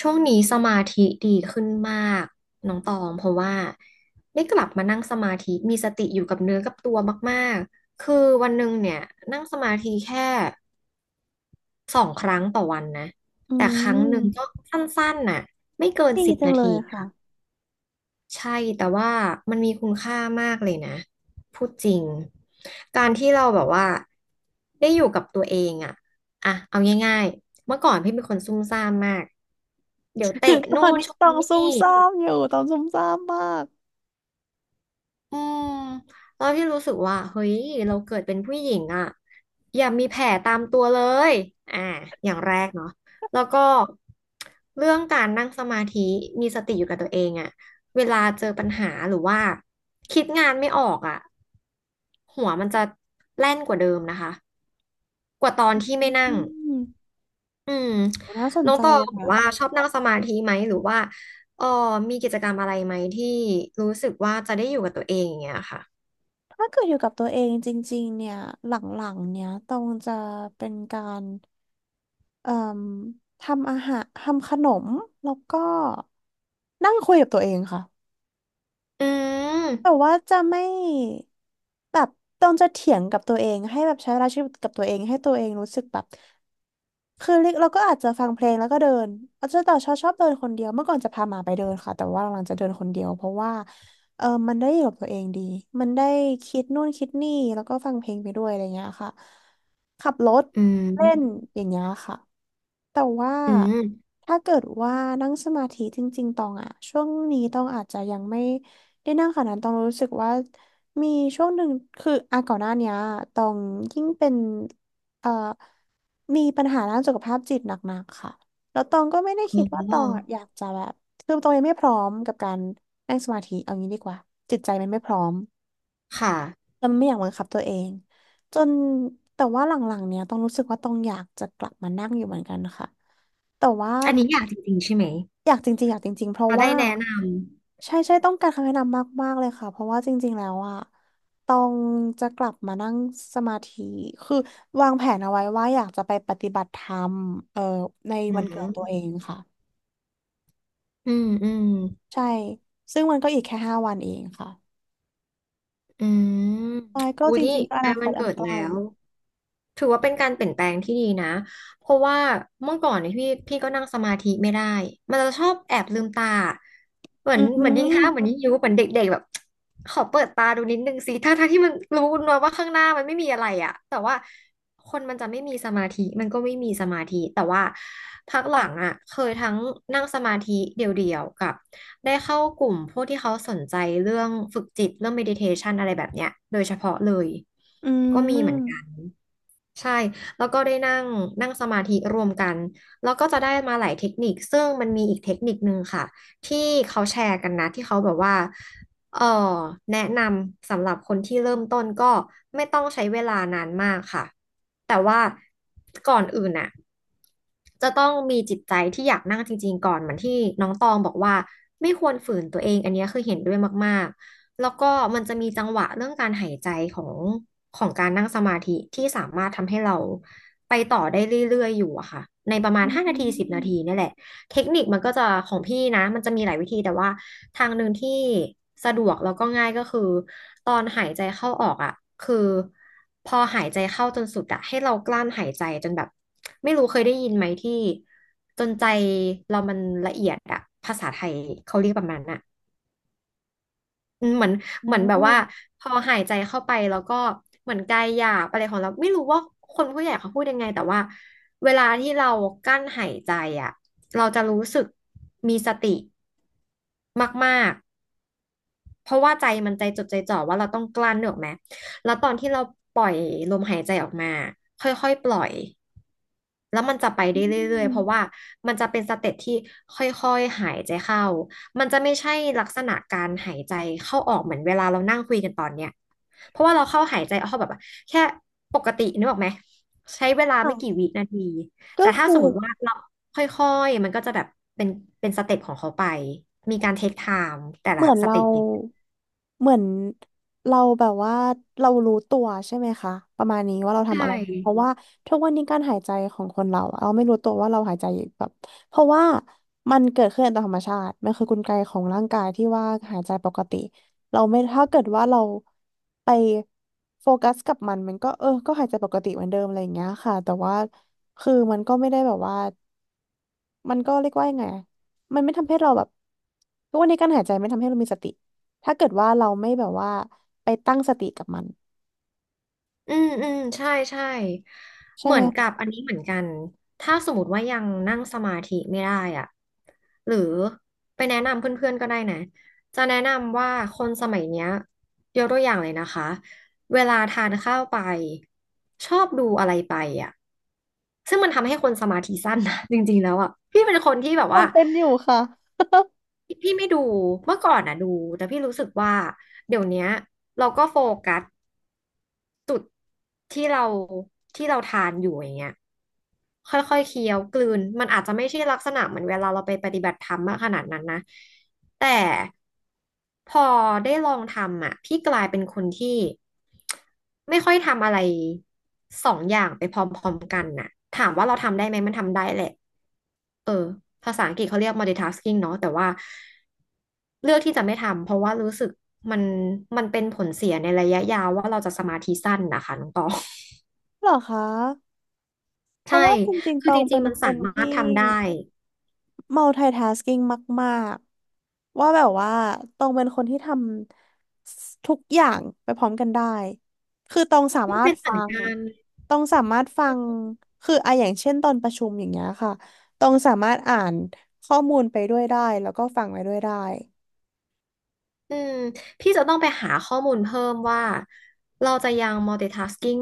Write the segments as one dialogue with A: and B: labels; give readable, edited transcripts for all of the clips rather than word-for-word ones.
A: ช่วงนี้สมาธิดีขึ้นมากน้องตองเพราะว่าได้กลับมานั่งสมาธิมีสติอยู่กับเนื้อกับตัวมากๆคือวันหนึ่งเนี่ยนั่งสมาธิแค่2 ครั้งต่อวันนะ
B: อื
A: แต่ครั้งหนึ่งก็
B: ม
A: สั้นๆน่ะไม่เกิน
B: ดี
A: สิบ
B: จัง
A: นา
B: เล
A: ที
B: ยค่ะ
A: ค่ะ ใช่แต่ว่ามันมีคุณค่ามากเลยนะพูดจริงการที่เราแบบว่าได้อยู่กับตัวเองอะอะเอาง่ายๆเมื่อก่อนพี่เป็นคนซุ่มซ่ามมากเดี๋ยวเตะ
B: ต
A: โน่
B: อน
A: น
B: นี้
A: ช
B: ต้
A: ม
B: องซุ่
A: นี่
B: มซ่ามอยู่ต้องซุ่มซ่ามมาก
A: อืมตอนที่รู้สึกว่าเฮ้ยเราเกิดเป็นผู้หญิงอ่ะอย่ามีแผลตามตัวเลยอ่าอย่างแรกเนาะแล้วก็เรื่องการนั่งสมาธิมีสติอยู่กับตัวเองอ่ะเวลาเจอปัญหาหรือว่าคิดงานไม่ออกอ่ะหัวมันจะแล่นกว่าเดิมนะคะกว่าตอนที่
B: อ
A: ไม่นั่ง
B: ืม
A: อืม
B: โหน่าสน
A: น้อง
B: ใจ
A: ตอง
B: อะ
A: แบ
B: ค่ะ
A: บว่าชอบนั่งสมาธิไหมหรือว่าเออมีกิจกรรมอะไรไหมที่รู้สึกว่าจะได้อยู่กับตัวเองอย่างเงี้ยค่ะ
B: ถ้าเกิดอยู่กับตัวเองจริงๆเนี่ยหลังๆเนี่ยตองจะเป็นการเอ่มทำอาหารทำขนมแล้วก็นั่งคุยกับตัวเองค่ะ
A: อื
B: แต่
A: ม
B: ว่าจะไม่แบบต้องจะเถียงกับตัวเองให้แบบใช้เวลาชีวิตกับตัวเองให้ตัวเองรู้สึกแบบคือเล็กเราก็อาจจะฟังเพลงแล้วก็เดินอาจจะแต่ชอบเดินคนเดียวเมื่อก่อนจะพาหมาไปเดินค่ะแต่ว่าหลังๆจะเดินคนเดียวเพราะว่าเออมันได้อยู่กับตัวเองดีมันได้คิดนู่นคิดนี่แล้วก็ฟังเพลงไปด้วยอะไรเงี้ยค่ะขับรถ
A: อื
B: เล่น
A: ม
B: อย่างเงี้ยค่ะแต่ว่า
A: อืม
B: ถ้าเกิดว่านั่งสมาธิจริงๆตองอะช่วงนี้ตองอาจจะยังไม่ ได้นั่งขนาดนั้นต้องรู้สึกว่ามีช่วงหนึ่งคืออ่ะก่อนหน้าเนี้ยต้องยิ่งเป็นเอ่อมีปัญหาด้านสุขภาพจิตหนักๆค่ะแล้วตองก็ไม่ได้คิ
A: อ๋
B: ดว่าตองอ่ะ
A: อ
B: อยากจะแบบคือตองยังไม่พร้อมกับการนั่งสมาธิเอางี้ดีกว่าจิตใจมันไม่พร้อม
A: ค่ะ
B: แล้วมันไม่อยากบังคับตัวเองจนแต่ว่าหลังๆเนี้ยต้องรู้สึกว่าต้องอยากจะกลับมานั่งอยู่เหมือนกันค่ะแต่ว่า
A: อันนี้อยากจริงๆใช่ไหม
B: อยากจริงๆอยากจริงๆเพราะ
A: เราได้
B: ว่า
A: แนะน
B: ใช่ใช่ต้องการคำแนะนำมากๆเลยค่ะเพราะว่าจริงๆแล้วอ่ะต้องจะกลับมานั่งสมาธิคือวางแผนเอาไว้ว่าอยากจะไปปฏิบัติธรรมเอ่อใน
A: ำ อื
B: วันเกิดตัว
A: ม
B: เองค่ะ
A: อืม อืม
B: ใช่ซึ่งมันก็อีกแค่5 วันเองค่ะ
A: อืม
B: ใช่ก็
A: อุ๊ย
B: จ
A: ใ
B: ริงๆก็อ
A: กล้
B: นาค
A: วัน
B: ตอั
A: เกิ
B: น
A: ด
B: ใก
A: แล้
B: ล้
A: วถือว่าเป็นการเปลี่ยนแปลงที่ดีนะ เพราะว่าเมื่อก่อนเนี่ยพี่ก็นั่งสมาธิไม่ได้ มันจะชอบแอบลืมตา เหมือ
B: อื
A: นเหมือนยิงข้าว
B: ม
A: เหมือนยิงยุเหมือนเด็กๆแบบขอเปิดตาดูนิดนึงสิถ้าทางที่มันรู้นะว่าข้างหน้ามันไม่มีอะไรอะแต่ว่าคนมันจะไม่มีสมาธิมันก็ไม่มีสมาธิแต่ว่าพักหลังอะเคยทั้งนั่งสมาธิเดี่ยวๆกับได้เข้ากลุ่มพวกที่เขาสนใจเรื่องฝึกจิตเรื่อง meditation อะไรแบบเนี้ยโดยเฉพาะเลย
B: อื
A: ก็มีเหมือนกัน
B: ม
A: ใช่แล้วก็ได้นั่งนั่งสมาธิรวมกันแล้วก็จะได้มาหลายเทคนิคซึ่งมันมีอีกเทคนิคนึงค่ะที่เขาแชร์กันนะที่เขาแบบว่าเออแนะนำสำหรับคนที่เริ่มต้นก็ไม่ต้องใช้เวลานานมากค่ะแต่ว่าก่อนอื่นน่ะจะต้องมีจิตใจที่อยากนั่งจริงๆก่อนเหมือนที่น้องตองบอกว่าไม่ควรฝืนตัวเองอันเนี้ยคือเห็นด้วยมาก แล้วก็มันจะมีจังหวะเรื่องการหายใจของของการนั่งสมาธิที่สามารถทำให้เราไปต่อได้เรื่อยๆอยู่อะค่ะในประมา
B: อื
A: ณ5 นาทีสิบ
B: ม
A: นาทีนี่แหละเทคนิคมันก็จะของพี่นะมันจะมีหลายวิธีแต่ว่าทางหนึ่งที่สะดวกแล้วก็ง่ายก็คือตอนหายใจเข้าออกอะคือพอหายใจเข้าจนสุดอะให้เรากลั้นหายใจจนแบบไม่รู้เคยได้ยินไหมที่จนใจเรามันละเอียดอะภาษาไทยเขาเรียกประมาณน่ะ อืมเหมือนเห
B: โอ้
A: มือนแบบว่าพอหายใจเข้าไปแล้วก็เหมือนกายหยาบอะไรของเราไม่รู้ว่าคนผู้ใหญ่เขาพูดยังไงแต่ว่าเวลาที่เรากั้นหายใจอ่ะเราจะรู้สึกมีสติมากๆ เพราะว่าใจมันใจจดใจจ่อว่าเราต้องกลั้นเนึกออกไหมแล้วตอนที่เราปล่อยลมหายใจออกมาค่อยๆปล่อยแล้วมันจะไป
B: อื
A: ได้เรื่อยๆเพ
B: ม
A: ราะว่ามันจะเป็นสเต็ปที่ค่อยๆหายใจเข้ามันจะไม่ใช่ลักษณะการหายใจเข้าออกเหมือนเวลาเรานั่งคุยกันตอนเนี้ยเพราะว่าเราเข้าหายใจเข้าแบบว่าแค่ปกตินึกออกไหมใช้เวลา
B: ค่ะ
A: ไม่กี่วินาที
B: ก็
A: แต่ถ้า
B: คือ
A: สมมติว่าเราค่อยๆมันก็จะแบบเป็นเป็นสเต็ปของเขาไปมีการเทคไทม์แต่
B: เห
A: ละ
B: มือน
A: ส
B: เรา
A: เต็ป
B: เหมือนเราแบบว่าเรารู้ตัวใช่ไหมคะประมาณนี้ว่าเรา
A: ใช
B: ทำอะไรอยู่เพราะ
A: ่
B: ว่าทุกวันนี้การหายใจของคนเราอะเราไม่รู้ตัวว่าเราหายใจอยู่แบบเพราะว่ามันเกิดขึ้นตามธรรมชาติมันคือกลไกของร่างกายที่ว่าหายใจปกติเราไม่ถ้าเกิดว่าเราไปโฟกัสกับมันมันก็เออก็หายใจปกติเหมือนเดิมอะไรอย่างเงี้ยค่ะแต่ว่าคือมันก็ไม่ได้แบบว่า มันก็เรียกว่ายังไงอะมันไม่ทำให้เราแบบทุกวันนี้การหายใจไม่ทำให้เรามีสติ ถ้าเกิดว่าเราไม่แบบว่าไปตั้งสติกับมัน
A: อืมอืมใช่ใช่
B: ใช่
A: เหมื
B: ไห
A: อ
B: ม
A: นกับอันนี้เหมือนกันถ้าสมมติว่ายังนั่งสมาธิไม่ได้อ่ะหรือไปแนะนำเพื่อนๆก็ได้นะจะแนะนำว่าคนสมัยเนี้ยยกตัวอย่างเลยนะคะเวลาทานข้าวไปชอบดูอะไรไปอ่ะซึ่งมันทำให้คนสมาธิสั้นนะ จริงๆแล้วอ่ะพี่เป็นคนที่แบบ
B: ตอ
A: ว่า
B: งเป็นอยู่ค่ะ
A: พี่ไม่ดูเมื่อก่อนอ่ะดูแต่พี่รู้สึกว่าเดี๋ยวเนี้ยเราก็โฟกัส จุดที่เราที่เราทานอยู่อย่างเงี้ยค่อยๆเคี้ยวกลืนมันอาจจะไม่ใช่ลักษณะเหมือนเวลาเราไปปฏิบัติธรรมมากขนาดนั้นนะแต่พอได้ลองทำอ่ะพี่กลายเป็นคนที่ไม่ค่อยทำอะไรสองอย่างไปพร้อมๆกันน่ะถามว่าเราทำได้ไหมมันทำได้แหละเออภาษาอังกฤษเขาเรียก multitasking เนาะแต่ว่าเลือกที่จะไม่ทำเพราะว่ารู้สึกมันมันเป็นผลเสียในระยะยาวว่าเราจะสมาธิสั้นนะคะน้องตอง
B: เหรอคะเพ
A: ใช่
B: ราะว่าจริงๆ
A: คื
B: ต
A: อ
B: อ
A: จ
B: ง
A: ริ
B: เป็
A: ง
B: น
A: ๆมัน
B: ค
A: สา
B: น
A: มาร
B: ที่
A: ถทำได้
B: multitasking มากๆว่าแบบว่าตองเป็นคนที่ทำทุกอย่างไปพร้อมกันได้คือตองสา
A: ไม่
B: มาร
A: เป็
B: ถ
A: นเห
B: ฟั
A: มือน
B: ง
A: กัน
B: ตองสามารถฟังคืออะอย่างเช่นตอนประชุมอย่างเงี้ยค่ะตองสามารถอ่านข้อมูลไปด้วยได้แล้วก็ฟังไปด้วยได้
A: อืมพี่จะต้องไปหาข้อมูลเพิ่มว่าเราจะยัง multitasking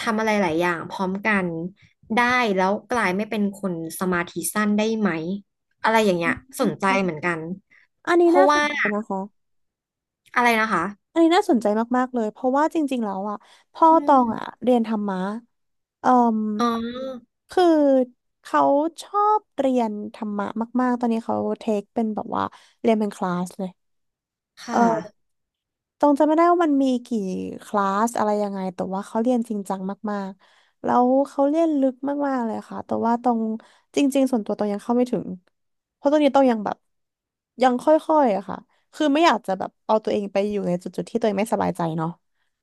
A: ทำอะไรหลายอย่างพร้อมกันได้แล้วกลายไม่เป็นคนสมาธิสั้นได้ไหมอะไรอย่างเงี้ยส
B: อ
A: นใจเหมือน
B: ม
A: กัน
B: อัน
A: เพ
B: นี้
A: ราะ
B: น่าส
A: ว่า
B: นใจนะคะ
A: อะไรนะคะ
B: อันนี้น่าสนใจมากๆเลยเพราะว่าจริงๆ แล้วอ่ะพ่อ
A: อื
B: ตองอ่ะ
A: ม
B: เรียนธรรมะเอ่อ
A: อ๋อ
B: คือเขาชอบเรียนธรรมะมากๆตอนนี้เขาเทคเป็นแบบว่า
A: ค่
B: เอ่อ
A: ะ
B: ตรงจำไม่ได้ว่ามันมีกี่คลาสอะไรยังไงแต่ว่าเขาเรียนจริงจังมากๆแล้วเขาเรียนลึกมากๆเลยค่ะแต่ว่าตรงจริงๆส่วนตัวตรงยังเข้าไม่ถึงเพราะตรงนี้ต้องยังแบบยังค่อยๆอะค่ะคือไม่อยากจะแบบเอาตัวเองไปอยู่ในจุดๆที่ตัวเองไม่สบายใจเนาะ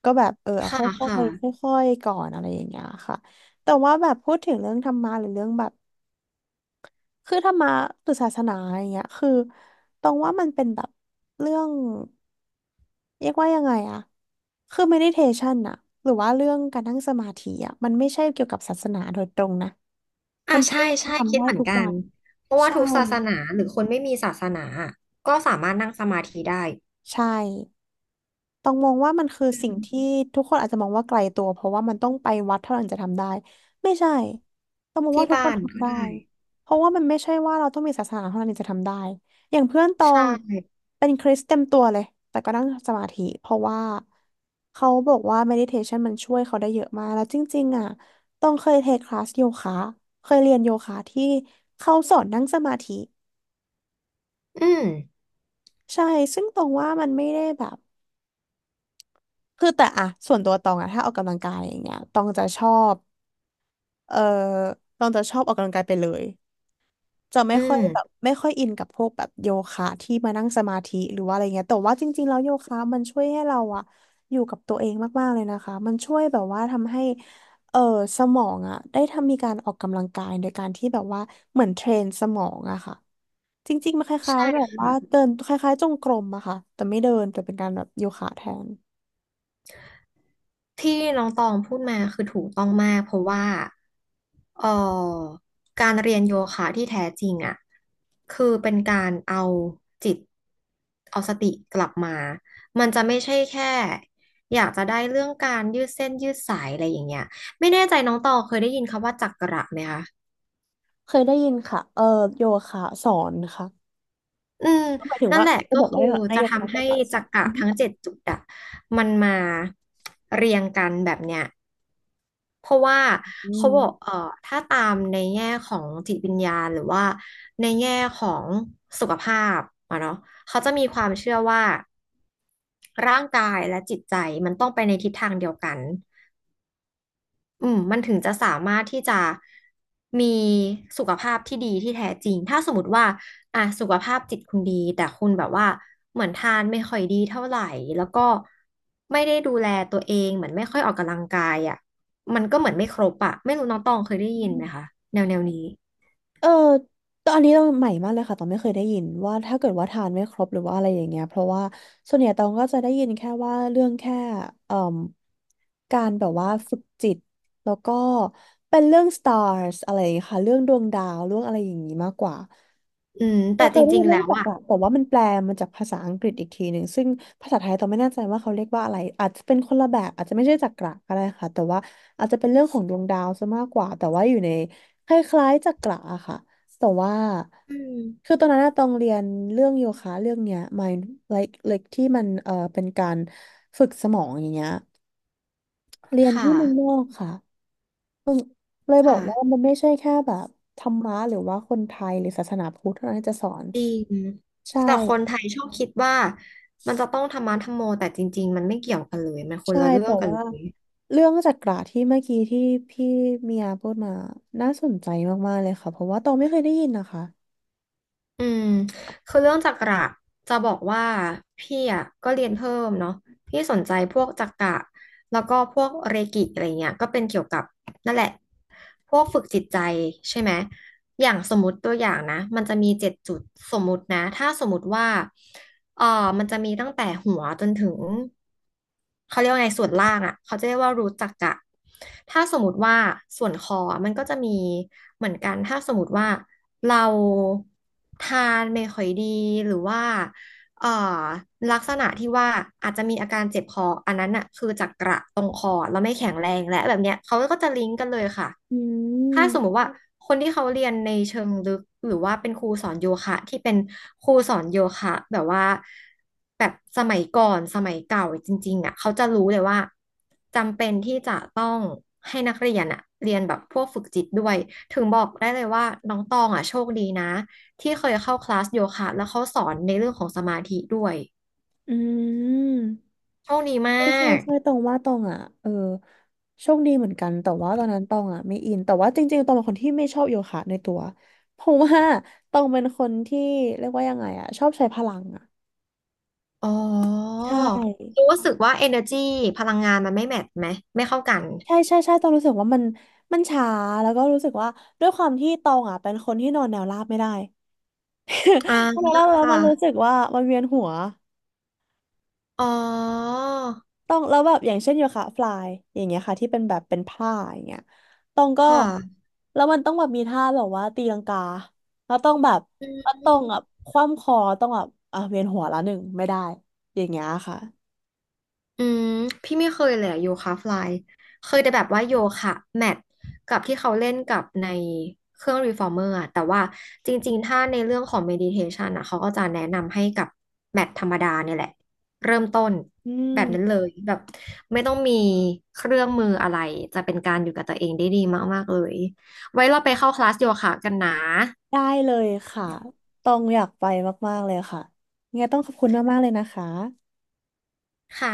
B: ก็แบบเออเอา
A: ค่ะ
B: ค่อ
A: ค่ะ
B: ยๆค่อยๆก่อนอะไรอย่างเงี้ยค่ะแต่ว่าแบบพูดถึงเรื่องธรรมะหรือเรื่องแบบ คือธรรมะหรือศาสนาอย่างเงี้ยคือตรงว่ามันเป็นแบบเรื่องเรียกว่ายังไงอะคือ meditation อะหรือว่าเรื่องการนั่งสมาธิอะมันไม่ใช่เกี่ยวกับศาสนาโดยตรงนะ
A: อ่า
B: มันคื
A: ใช่ใช่
B: อทำ
A: คิด
B: ได้
A: เหมือน
B: ทุก
A: กั
B: วั
A: น
B: น
A: เพราะว่า
B: ใช่
A: ทุกศาสนาหรือคนไม่มีศาสนาก็สามารถนั่งสมาธิได้
B: ใช่ ต้องมองว่ามันคือ
A: อื
B: สิ่ง
A: ม
B: ที่ทุกคนอาจจะมองว่าไกลตัวเพราะว่ามันต้องไปวัดเท่านั้นจะทำได้ไม่ใช่ต้องมองว่า
A: ที่
B: ทุกค
A: บ้า
B: น
A: น
B: ทำ
A: ก็
B: ได้
A: ได้
B: เพราะว่ามันไม่ใช่ว่าเราต้องมีศาสนาเท่านั้นถึงจะทำได้อย่างเพื่อนตอ
A: ใช่
B: งเป็นคริสเต็มตัวเลยแต่ก็นั่งสมาธิเพราะว่าเขาบอกว่า meditation มันช่วยเขาได้เยอะมากแล้วจริงๆอ่ะต้องเคยเทคคลาสโยคะเคยเรียนโยคะที่เขาสอนนั่งสมาธิ
A: อืม
B: ใช่ซึ่งตรงว่ามันไม่ได้แบบ คือแต่อะส่วนตัวตองอะถ้าออกกำลังกายอย่างเงี้ยตองจะชอบเออตองจะชอบออกกำลังกายไปเลยจะไม่
A: อื
B: ค่อ
A: ม
B: ยแบบไม่ค่อยอินกับพวกแบบโยคะที่มานั่งสมาธิหรือว่าอะไรเงี้ยแต่ว่าจริงๆแล้วโยคะมันช่วยให้เราอะอยู่กับตัวเองมากๆเลยนะคะมันช่วยแบบว่าทำให้เออสมองอะได้ทำมีการออกกำลังกายโดยการที่แบบว่าเหมือนเทรนสมองอะค่ะจริงๆมันคล้าย
A: ใช่
B: ๆแบบว่า
A: ค่ะ
B: เดินคล้ายๆจงกรมอะค่ะแต่ไม่เดินแต่เป็นการแบบโยคะแทน
A: ที่น้องตองพูดมาคือถูกต้องมากเพราะว่าเอ่อการเรียนโยคะที่แท้จริงอ่ะคือเป็นการเอาจิตเอาสติกลับมามันจะไม่ใช่แค่อยากจะได้เรื่องการยืดเส้นยืดสายอะไรอย่างเงี้ยไม่แน่ใจน้องตองเคยได้ยินคำว่าจักระไหมคะ
B: เคยได้ยินค่ะโยคะสอนค่ะ
A: อืม
B: ก็หมายถึง
A: นั่น
B: ว่า
A: แหละ
B: จะ
A: ก็
B: บอกว่า
A: คือ
B: ให้
A: จะ
B: โยคะ
A: ทำ
B: โซ
A: ให้
B: บะส
A: จั
B: อน
A: กระ
B: อือ
A: ทั้งเจ็ดจุดอะมันมาเรียงกันแบบเนี้ยเพราะว่าเขาบอ
B: ม
A: กถ้าตามในแง่ของจิตวิญญาณหรือว่าในแง่ของสุขภาพอะเนาะเขาจะมีความเชื่อว่าร่างกายและจิตใจมันต้องไปในทิศทางเดียวกัน อืมมันถึงจะสามารถที่จะมีสุขภาพที่ดีที่แท้จริง ถ้าสมมติว่าอ่ะสุขภาพจิตคุณดีแต่คุณแบบว่าเหมือนทานไม่ค่อยดีเท่าไหร่แล้วก็ไม่ได้ดูแลตัวเองเหมือนไม่ค่อยออกกำลังกายอ่ะมันก็เหมือนไม่ครบอ่ะไม่รู้น้องตองเคยได้
B: อื
A: ยินไหมคะ
B: ม
A: แนวแนวนี้
B: เออตอนนนี้เราใหม่มากเลยค่ะ ตองไม่เคยได้ยินว่าถ้าเกิดว่าทานไม่ครบหรือว่าอะไรอย่างเงี้ยเพราะว่าส่วนใหญ่ตองก็จะได้ยินแค่ว่าเรื่องแค่เอ่มการแบบว่าฝึกจิตแล้วก็เป็นเรื่อง stars อะไรอย่างเงี้ยค่ะเรื่องดวงดาวเรื่องอะไรอย่างงี้มากกว่า
A: อืมแต่
B: เค
A: จ
B: ยได้
A: ริ
B: ยิ
A: ง
B: น
A: ๆ
B: เรื่
A: แล้
B: อง
A: ว
B: จัก
A: อ่ะ
B: ระแต่ว่ามันแปลมาจากภาษาอังกฤษอีกทีหนึ่งซึ่งภาษาไทยตอนไม่แน่ใจว่าเขาเรียกว่าอะไรอาจจะเป็นคนละแบบอาจจะไม่ใช่จักระก็ได้ค่ะแต่ว่าอาจจะเป็นเรื่องของดวงดาวซะมากกว่าแต่ว่าอยู่ในคล้ายๆจักระอะค่ะแต่ว่า
A: อืม
B: คือตอนนั้นอะต้องเรียนเรื่องโยคะเรื่องเนี้ย mind like ที่มันเป็นการฝึกสมองอย่างเงี้ยเรียน
A: ค่ะ
B: ที่เมืองนอกค่ะเลยบอกว่า
A: ค่ะ
B: มันไม่ใช่แค่แบบธรรมะหรือว่าคนไทยหรือศาสนาพุทธเท่านั้นที่จะสอน
A: จริง
B: ใช่
A: แต่คนไทยชอบคิดว่ามันจะต้องทำมาทำโมแต่จริงๆมันไม่เกี่ยวกันเลยมันคน
B: ใช่
A: ละเรื่อ
B: แต่
A: งกัน
B: ว่า
A: เลย
B: เรื่องจักระที่เมื่อกี้ที่พี่เมียพูดมาน่าสนใจมากๆเลยค่ะเพราะว่าตองไม่เคยได้ยินนะคะ
A: อืมคือเรื่องจักระจะบอกว่าพี่อ่ะก็เรียนเพิ่มเนาะพี่สนใจพวกจักระแล้วก็พวกเรกิอะไรเงี้ยก็เป็นเกี่ยวกับนั่นแหละพวกฝึกจิตใจใช่ไหมอย่างสมมติตัวอย่างนะมันจะมีเจ็ดจุดสมมตินะถ้าสมมติว่าเออมันจะมีตั้งแต่หัวจนถึงเขาเรียกว่าไงส่วนล่างอ่ะเขาจะเรียกว่ารูทจักระถ้าสมมติว่าส่วนคอมันก็จะมีเหมือนกันถ้าสมมติว่า เราทานไม่ค่อยดีหรือว่า เอ่อลักษณะที่ว่าอาจจะมีอาการเจ็บคออันนั้นน่ะคือจากกระตรงคอแล้วไม่แข็งแรงและแบบเนี้ยเขาก็จะลิงก์กันเลยค่ะ
B: อื
A: ถ้าสมมุ
B: ม
A: ติว่าคนที่เขาเรียนในเชิงลึกหรือว่าเป็นครูสอนโยคะที่เป็นครูสอนโยคะแบบว่าแบบสมัยก่อนสมัยเก่าจริงๆอ่ะเขาจะรู้เลยว่าจำเป็นที่จะต้องให้นักเรียนอ่ะเรียนแบบพวกฝึกจิตด้วยถึงบอกได้เลยว่าน้องตองอ่ะโชคดีนะ ที่เคยเข้าคลาสโยคะแล้วเขาสอนในเรื่องของสมาธิด้วย
B: อืม
A: โชคดีม
B: ใช่
A: า
B: ใช่
A: ก
B: ใช่ตองว่าตองอ่ะโชคดีเหมือนกันแต่ว่าตอนนั้นตองอ่ะไม่อินแต่ว่าจริงๆตองเป็นคนที่ไม่ชอบโยคะในตัวเพราะว่าตองเป็นคนที่เรียกว่ายังไงอ่ะชอบใช้พลังอ่ะ
A: อ๋อ
B: ใช่
A: รู้สึกว่า energy พลังงานมันไม่แมทช์ไหมไม่เข้ากัน
B: ใช่ใช่ใช่ตองรู้สึกว่ามันมันช้าแล้วก็รู้สึกว่าด้วยความที่ตองอ่ะเป็นคนที่นอนแนวราบไม่ได้
A: อ่า
B: แล้วเรา
A: ค
B: แล้วมันรู้สึ
A: ่ะ
B: กว่ามันเวียนหัว
A: อ๋อ
B: ต้องแล้วแบบอย่างเช่นโยคะฟลายอย่างเงี้ยค่ะที่เป็นแบบเป็นผ้าอย่างเงี้ยต้องก็
A: ค่ะ
B: แล้วมันต้องแบบมีท่าแบบว่าตีลังกาแล้วต้องแบบ
A: อื
B: แล้วาต้อ
A: ม
B: งแบบคว่ำคอต้องแบบอ่ะเวียนหัวละหนึ่งไม่ได้อย่างเงี้ยค่ะ
A: อืมพี่ไม่เคยเลยอะโยคะฟลายเคยแต่แบบว่าโยคะแมทกับที่เขาเล่นกับในเครื่องรีฟอร์เมอร์อะแต่ว่าจริงๆถ้าในเรื่องของเมดิเทชันอะเขาก็จะแนะนำให้กับแมทธรรมดาเนี่ยแหละเริ่มต้น
B: อื
A: แบบนั้น
B: ม
A: เลยแบบไม่ต้องมีเครื่องมืออะไรจะเป็นการอยู่กับตัวเองได้ดีมากๆเลยไว้เราไปเข้าคลาสโยคะกันนะ
B: ได้เลยค่ะต้องอยากไปมากๆเลยค่ะยังไงต้องขอบคุณมากๆเลยนะคะ
A: ค่ะ